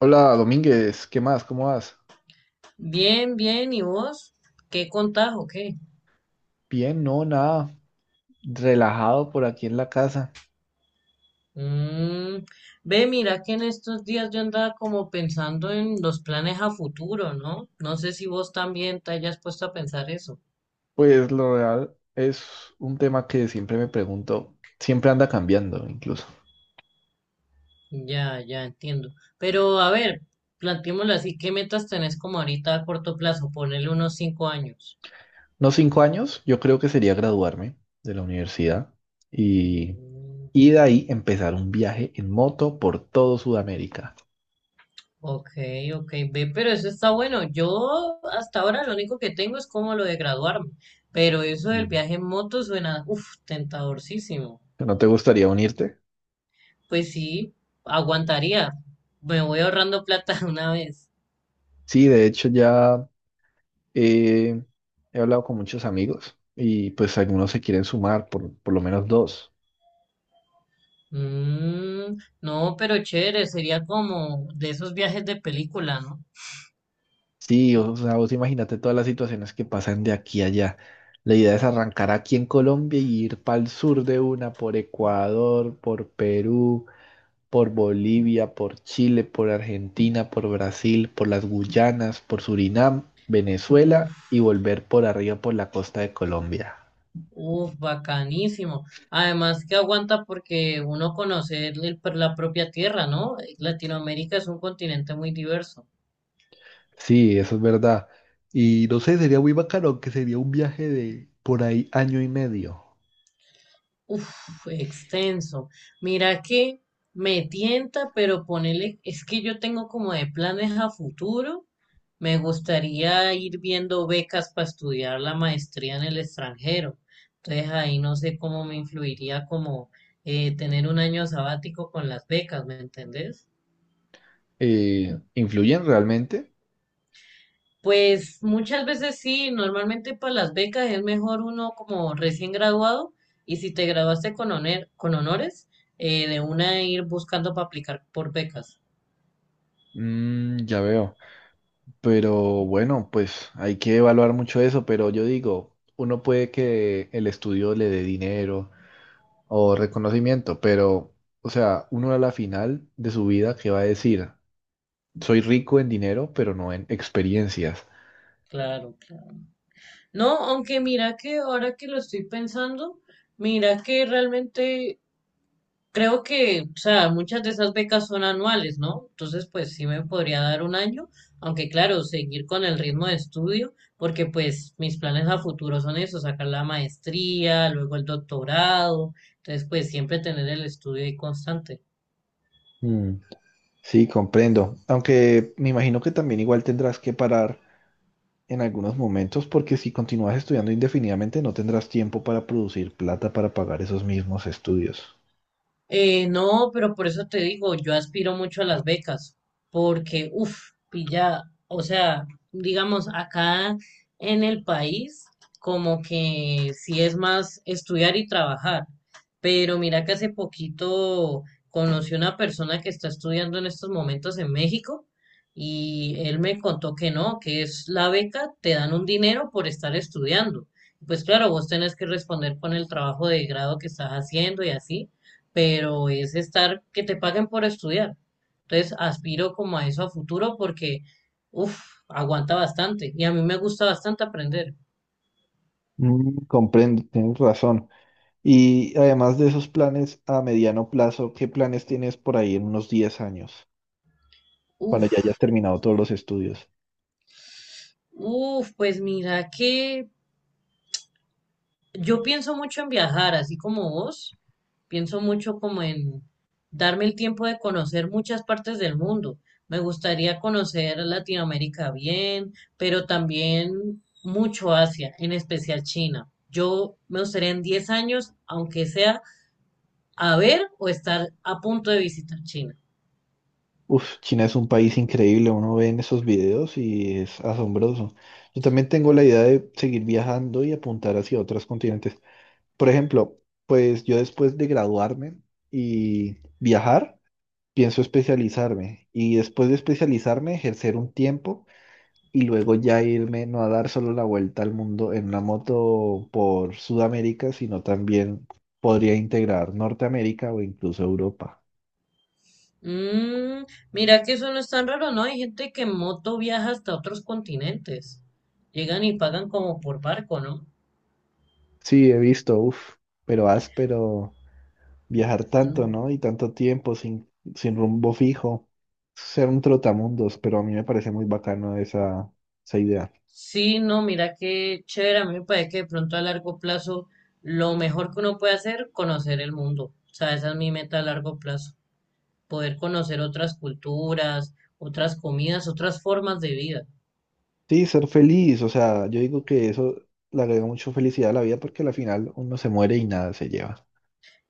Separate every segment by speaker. Speaker 1: Hola Domínguez, ¿qué más? ¿Cómo vas?
Speaker 2: Bien, bien, ¿y vos? ¿Qué contás o qué?
Speaker 1: Bien, no, nada, relajado por aquí en la casa.
Speaker 2: Mm, ve, mira que en estos días yo andaba como pensando en los planes a futuro, ¿no? No sé si vos también te hayas puesto a pensar eso.
Speaker 1: Pues lo real es un tema que siempre me pregunto, siempre anda cambiando incluso.
Speaker 2: Ya entiendo. Pero a ver, planteémoslo así, ¿qué metas tenés como ahorita a corto plazo? Ponele unos 5 años.
Speaker 1: Unos 5 años, yo creo que sería graduarme de la universidad y, y
Speaker 2: Mm.
Speaker 1: de ahí empezar un viaje en moto por todo Sudamérica.
Speaker 2: Ok, ok, ve, pero eso está bueno. Yo hasta ahora lo único que tengo es como lo de graduarme, pero eso del
Speaker 1: Mm.
Speaker 2: viaje en moto suena, uff, tentadorcísimo.
Speaker 1: ¿No te gustaría unirte?
Speaker 2: Pues sí, aguantaría. Me voy ahorrando plata una vez.
Speaker 1: Sí, de hecho ya eh, he hablado con muchos amigos y pues algunos se quieren sumar, por lo menos dos.
Speaker 2: Mm, no, pero chévere, sería como de esos viajes de película, ¿no?
Speaker 1: Sí, o sea, vos imagínate todas las situaciones que pasan de aquí a allá. La idea es arrancar aquí en Colombia y ir para el sur de una, por Ecuador, por Perú, por Bolivia, por Chile, por Argentina, por Brasil, por las Guyanas, por Surinam, Venezuela y
Speaker 2: Uf,
Speaker 1: volver por arriba por la costa de Colombia.
Speaker 2: uf, bacanísimo. Además que aguanta porque uno conoce la propia tierra, ¿no? Latinoamérica es un continente muy diverso.
Speaker 1: Sí, eso es verdad. Y no sé, sería muy bacano, que sería un viaje de por ahí año y medio.
Speaker 2: Uf, extenso. Mira que me tienta, pero ponele, es que yo tengo como de planes a futuro. Me gustaría ir viendo becas para estudiar la maestría en el extranjero. Entonces ahí no sé cómo me influiría como tener un año sabático con las becas, ¿me entendés?
Speaker 1: ¿Influyen realmente?
Speaker 2: Pues muchas veces sí, normalmente para las becas es mejor uno como recién graduado y si te graduaste con, con honores, de una ir buscando para aplicar por becas.
Speaker 1: Mm, ya veo. Pero bueno, pues hay que evaluar mucho eso, pero yo digo, uno puede que el estudio le dé dinero o reconocimiento, pero, o sea, uno a la final de su vida, ¿qué va a decir? Soy rico en dinero, pero no en experiencias.
Speaker 2: Claro, claro. No, aunque mira que ahora que lo estoy pensando, mira que realmente creo que, o sea, muchas de esas becas son anuales, ¿no? Entonces, pues sí me podría dar un año, aunque claro, seguir con el ritmo de estudio, porque pues mis planes a futuro son eso, sacar la maestría, luego el doctorado, entonces pues siempre tener el estudio ahí constante.
Speaker 1: Mm, sí, comprendo. Aunque me imagino que también igual tendrás que parar en algunos momentos, porque si continúas estudiando indefinidamente, no tendrás tiempo para producir plata para pagar esos mismos estudios.
Speaker 2: No, pero por eso te digo, yo aspiro mucho a las becas, porque, uff, pilla, o sea, digamos, acá en el país, como que sí es más estudiar y trabajar, pero mira que hace poquito conocí una persona que está estudiando en estos momentos en México y él me contó que no, que es la beca, te dan un dinero por estar estudiando. Pues claro, vos tenés que responder con el trabajo de grado que estás haciendo y así pero es estar que te paguen por estudiar. Entonces aspiro como a eso a futuro porque, uff, aguanta bastante y a mí me gusta bastante aprender.
Speaker 1: Mm, comprendo, tienes razón. Y además de esos planes a mediano plazo, ¿qué planes tienes por ahí en unos 10 años, cuando ya
Speaker 2: Uff,
Speaker 1: hayas terminado todos los estudios?
Speaker 2: uff, pues mira que yo pienso mucho en viajar, así como vos, pienso mucho como en darme el tiempo de conocer muchas partes del mundo. Me gustaría conocer Latinoamérica bien, pero también mucho Asia, en especial China. Yo me gustaría en 10 años, aunque sea a ver o estar a punto de visitar China.
Speaker 1: Uf, China es un país increíble, uno ve en esos videos y es asombroso. Yo también tengo la idea de seguir viajando y apuntar hacia otros continentes. Por ejemplo, pues yo después de graduarme y viajar, pienso especializarme y después de especializarme, ejercer un tiempo y luego ya irme, no a dar solo la vuelta al mundo en una moto por Sudamérica, sino también podría integrar Norteamérica o incluso Europa.
Speaker 2: Mm, mira que eso no es tan raro, ¿no? Hay gente que en moto viaja hasta otros continentes. Llegan y pagan como por barco, ¿no?
Speaker 1: Sí, he visto, uff, pero áspero viajar
Speaker 2: Mm.
Speaker 1: tanto, ¿no? Y tanto tiempo sin rumbo fijo, ser un trotamundos, pero a mí me parece muy bacano esa idea.
Speaker 2: Sí, no, mira qué chévere. A mí me parece que de pronto a largo plazo lo mejor que uno puede hacer, conocer el mundo. O sea, esa es mi meta a largo plazo. Poder conocer otras culturas, otras comidas, otras formas de vida.
Speaker 1: Sí, ser feliz, o sea, yo digo que eso le agrega mucho felicidad a la vida porque al final uno se muere y nada se lleva.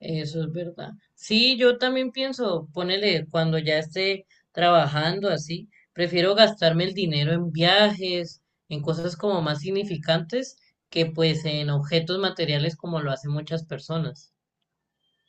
Speaker 2: Eso es verdad. Sí, yo también pienso, ponele, cuando ya esté trabajando así, prefiero gastarme el dinero en viajes, en cosas como más significantes, que pues en objetos materiales como lo hacen muchas personas.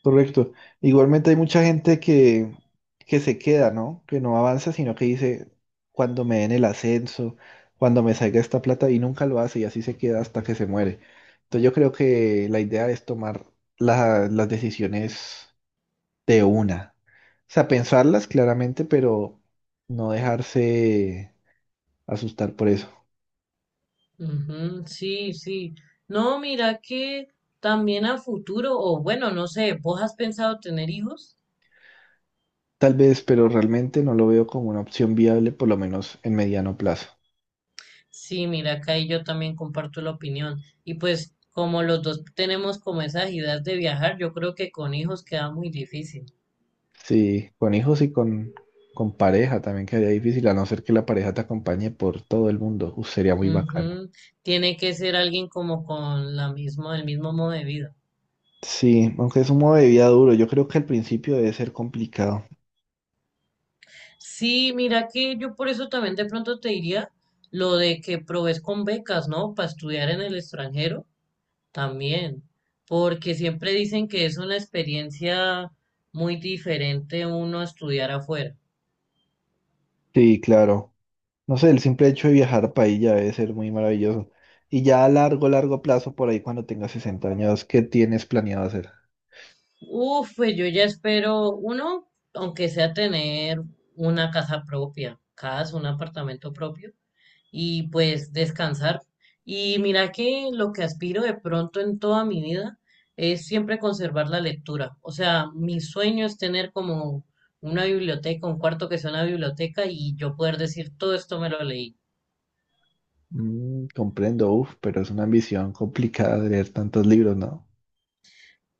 Speaker 1: Correcto. Igualmente hay mucha gente que se queda, ¿no? Que no avanza, sino que dice, cuando me den el ascenso, cuando me salga esta plata, y nunca lo hace, y así se queda hasta que se muere. Entonces yo creo que la idea es tomar las decisiones de una. O sea, pensarlas claramente, pero no dejarse asustar por eso.
Speaker 2: Ujú, sí. No, mira que también a futuro, o bueno, no sé, ¿vos has pensado tener hijos?
Speaker 1: Tal vez, pero realmente no lo veo como una opción viable, por lo menos en mediano plazo.
Speaker 2: Sí, mira que ahí yo también comparto la opinión. Y pues como los dos tenemos como esa agilidad de viajar, yo creo que con hijos queda muy difícil.
Speaker 1: Sí, con hijos y con pareja también quedaría difícil, a no ser que la pareja te acompañe por todo el mundo. Uf, sería muy bacano.
Speaker 2: Ujú. Tiene que ser alguien como con la misma, el mismo modo de vida.
Speaker 1: Sí, aunque es un modo de vida duro, yo creo que al principio debe ser complicado.
Speaker 2: Sí, mira que yo por eso también de pronto te diría lo de que provees con becas, ¿no? Para estudiar en el extranjero también, porque siempre dicen que es una experiencia muy diferente uno estudiar afuera.
Speaker 1: Sí, claro. No sé, el simple hecho de viajar para ahí ya debe ser muy maravilloso. Y ya a largo, largo plazo, por ahí cuando tengas 60 años, ¿qué tienes planeado hacer?
Speaker 2: Uf, pues yo ya espero uno, aunque sea tener una casa propia, casa, un apartamento propio y pues descansar. Y mira que lo que aspiro de pronto en toda mi vida es siempre conservar la lectura. O sea, mi sueño es tener como una biblioteca, un cuarto que sea una biblioteca y yo poder decir todo esto me lo leí.
Speaker 1: Mm, comprendo, uf, pero es una ambición complicada de leer tantos libros, ¿no?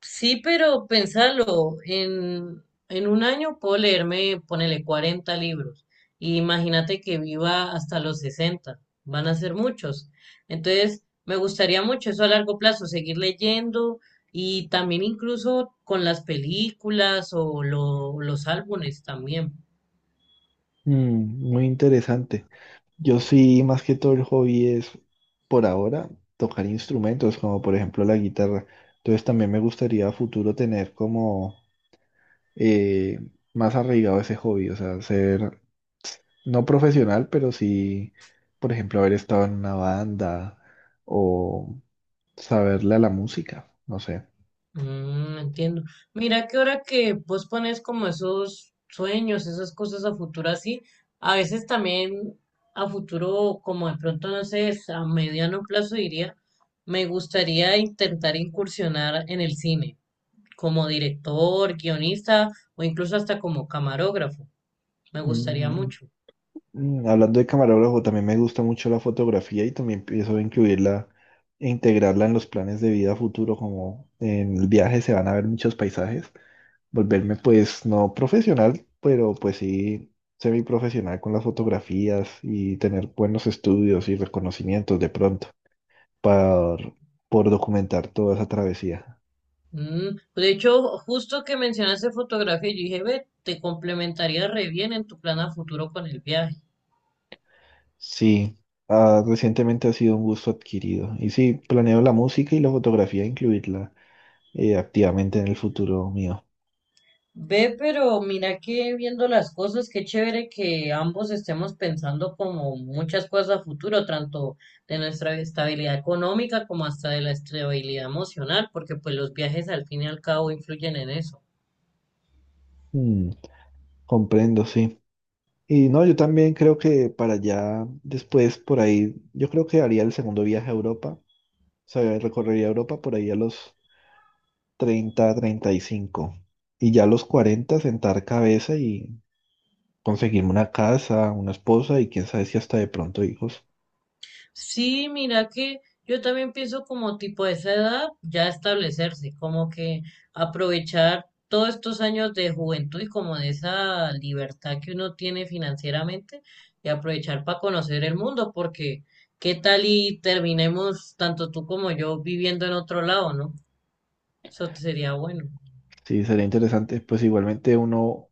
Speaker 2: Sí, pero pensarlo, en un año puedo leerme, ponele 40 libros. Y imagínate que viva hasta los 60 van a ser muchos. Entonces, me gustaría mucho eso a largo plazo, seguir leyendo y también incluso con las películas o los álbumes también.
Speaker 1: Mm, muy interesante. Yo sí, más que todo el hobby es, por ahora, tocar instrumentos, como por ejemplo la guitarra. Entonces también me gustaría a futuro tener como eh, más arraigado ese hobby, o sea, ser no profesional, pero sí, por ejemplo, haber estado en una banda o saberle a la música, no sé.
Speaker 2: Mm, entiendo. Mira que ahora que vos pones como esos sueños, esas cosas a futuro así, a veces también a futuro, como de pronto, no sé, a mediano plazo diría, me gustaría intentar incursionar en el cine, como director, guionista o incluso hasta como camarógrafo. Me gustaría
Speaker 1: Mm,
Speaker 2: mucho.
Speaker 1: mm. Hablando de camarógrafo, también me gusta mucho la fotografía y también pienso incluirla e integrarla en los planes de vida futuro, como en el viaje se van a ver muchos paisajes, volverme pues no profesional, pero pues sí semiprofesional con las fotografías y tener buenos estudios y reconocimientos de pronto por, por documentar toda esa travesía.
Speaker 2: Mm, de hecho, justo que mencionaste fotografía, yo dije, ve, te complementaría re bien en tu plan a futuro con el viaje.
Speaker 1: Sí, ah, recientemente ha sido un gusto adquirido y sí, planeo la música y la fotografía incluirla activamente en el futuro mío.
Speaker 2: Ve, pero mira que viendo las cosas, qué chévere que ambos estemos pensando como muchas cosas a futuro, tanto de nuestra estabilidad económica como hasta de la estabilidad emocional, porque pues los viajes al fin y al cabo influyen en eso.
Speaker 1: Mm, comprendo, sí. Y no, yo también creo que para allá, después, por ahí, yo creo que haría el segundo viaje a Europa. O sea, recorrería Europa por ahí a los treinta y cinco y ya a los 40, sentar cabeza y conseguirme una casa, una esposa y quién sabe si hasta de pronto hijos.
Speaker 2: Sí, mira que yo también pienso como tipo de esa edad ya establecerse, como que aprovechar todos estos años de juventud y como de esa libertad que uno tiene financieramente y aprovechar para conocer el mundo, porque qué tal y terminemos tanto tú como yo viviendo en otro lado, ¿no? Eso sería bueno.
Speaker 1: Sí, sería interesante. Pues igualmente uno,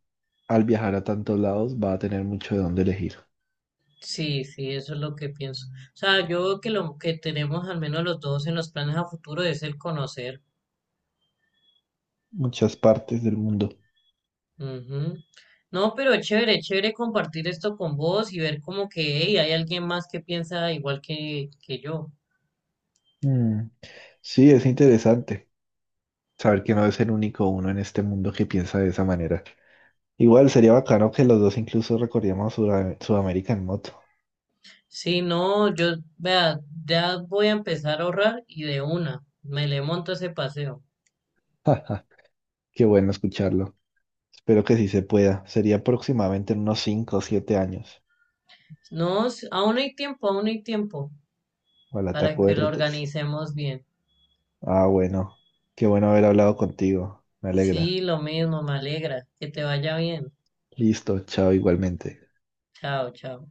Speaker 1: al viajar a tantos lados, va a tener mucho de dónde elegir.
Speaker 2: Sí, eso es lo que pienso. O sea, yo creo que lo que tenemos al menos los dos en los planes a futuro es el conocer.
Speaker 1: Muchas partes del mundo.
Speaker 2: Ujú. No, pero chévere compartir esto con vos y ver como que hey, hay alguien más que piensa igual que yo.
Speaker 1: Mm, sí, es interesante saber que no es el único uno en este mundo que piensa de esa manera. Igual sería bacano que los dos incluso recorriéramos Sudamérica en moto.
Speaker 2: Sí, no, yo, vea, ya voy a empezar a ahorrar y de una, me le monto ese paseo.
Speaker 1: Qué bueno escucharlo. Espero que sí se pueda. Sería aproximadamente en unos 5 o 7 años.
Speaker 2: No, aún hay tiempo
Speaker 1: Ojalá te
Speaker 2: para que lo
Speaker 1: acuerdes.
Speaker 2: organicemos bien.
Speaker 1: Ah, bueno. Qué bueno haber hablado contigo. Me alegra.
Speaker 2: Sí, lo mismo, me alegra. Que te vaya bien.
Speaker 1: Listo, chao igualmente.
Speaker 2: Chao, chao.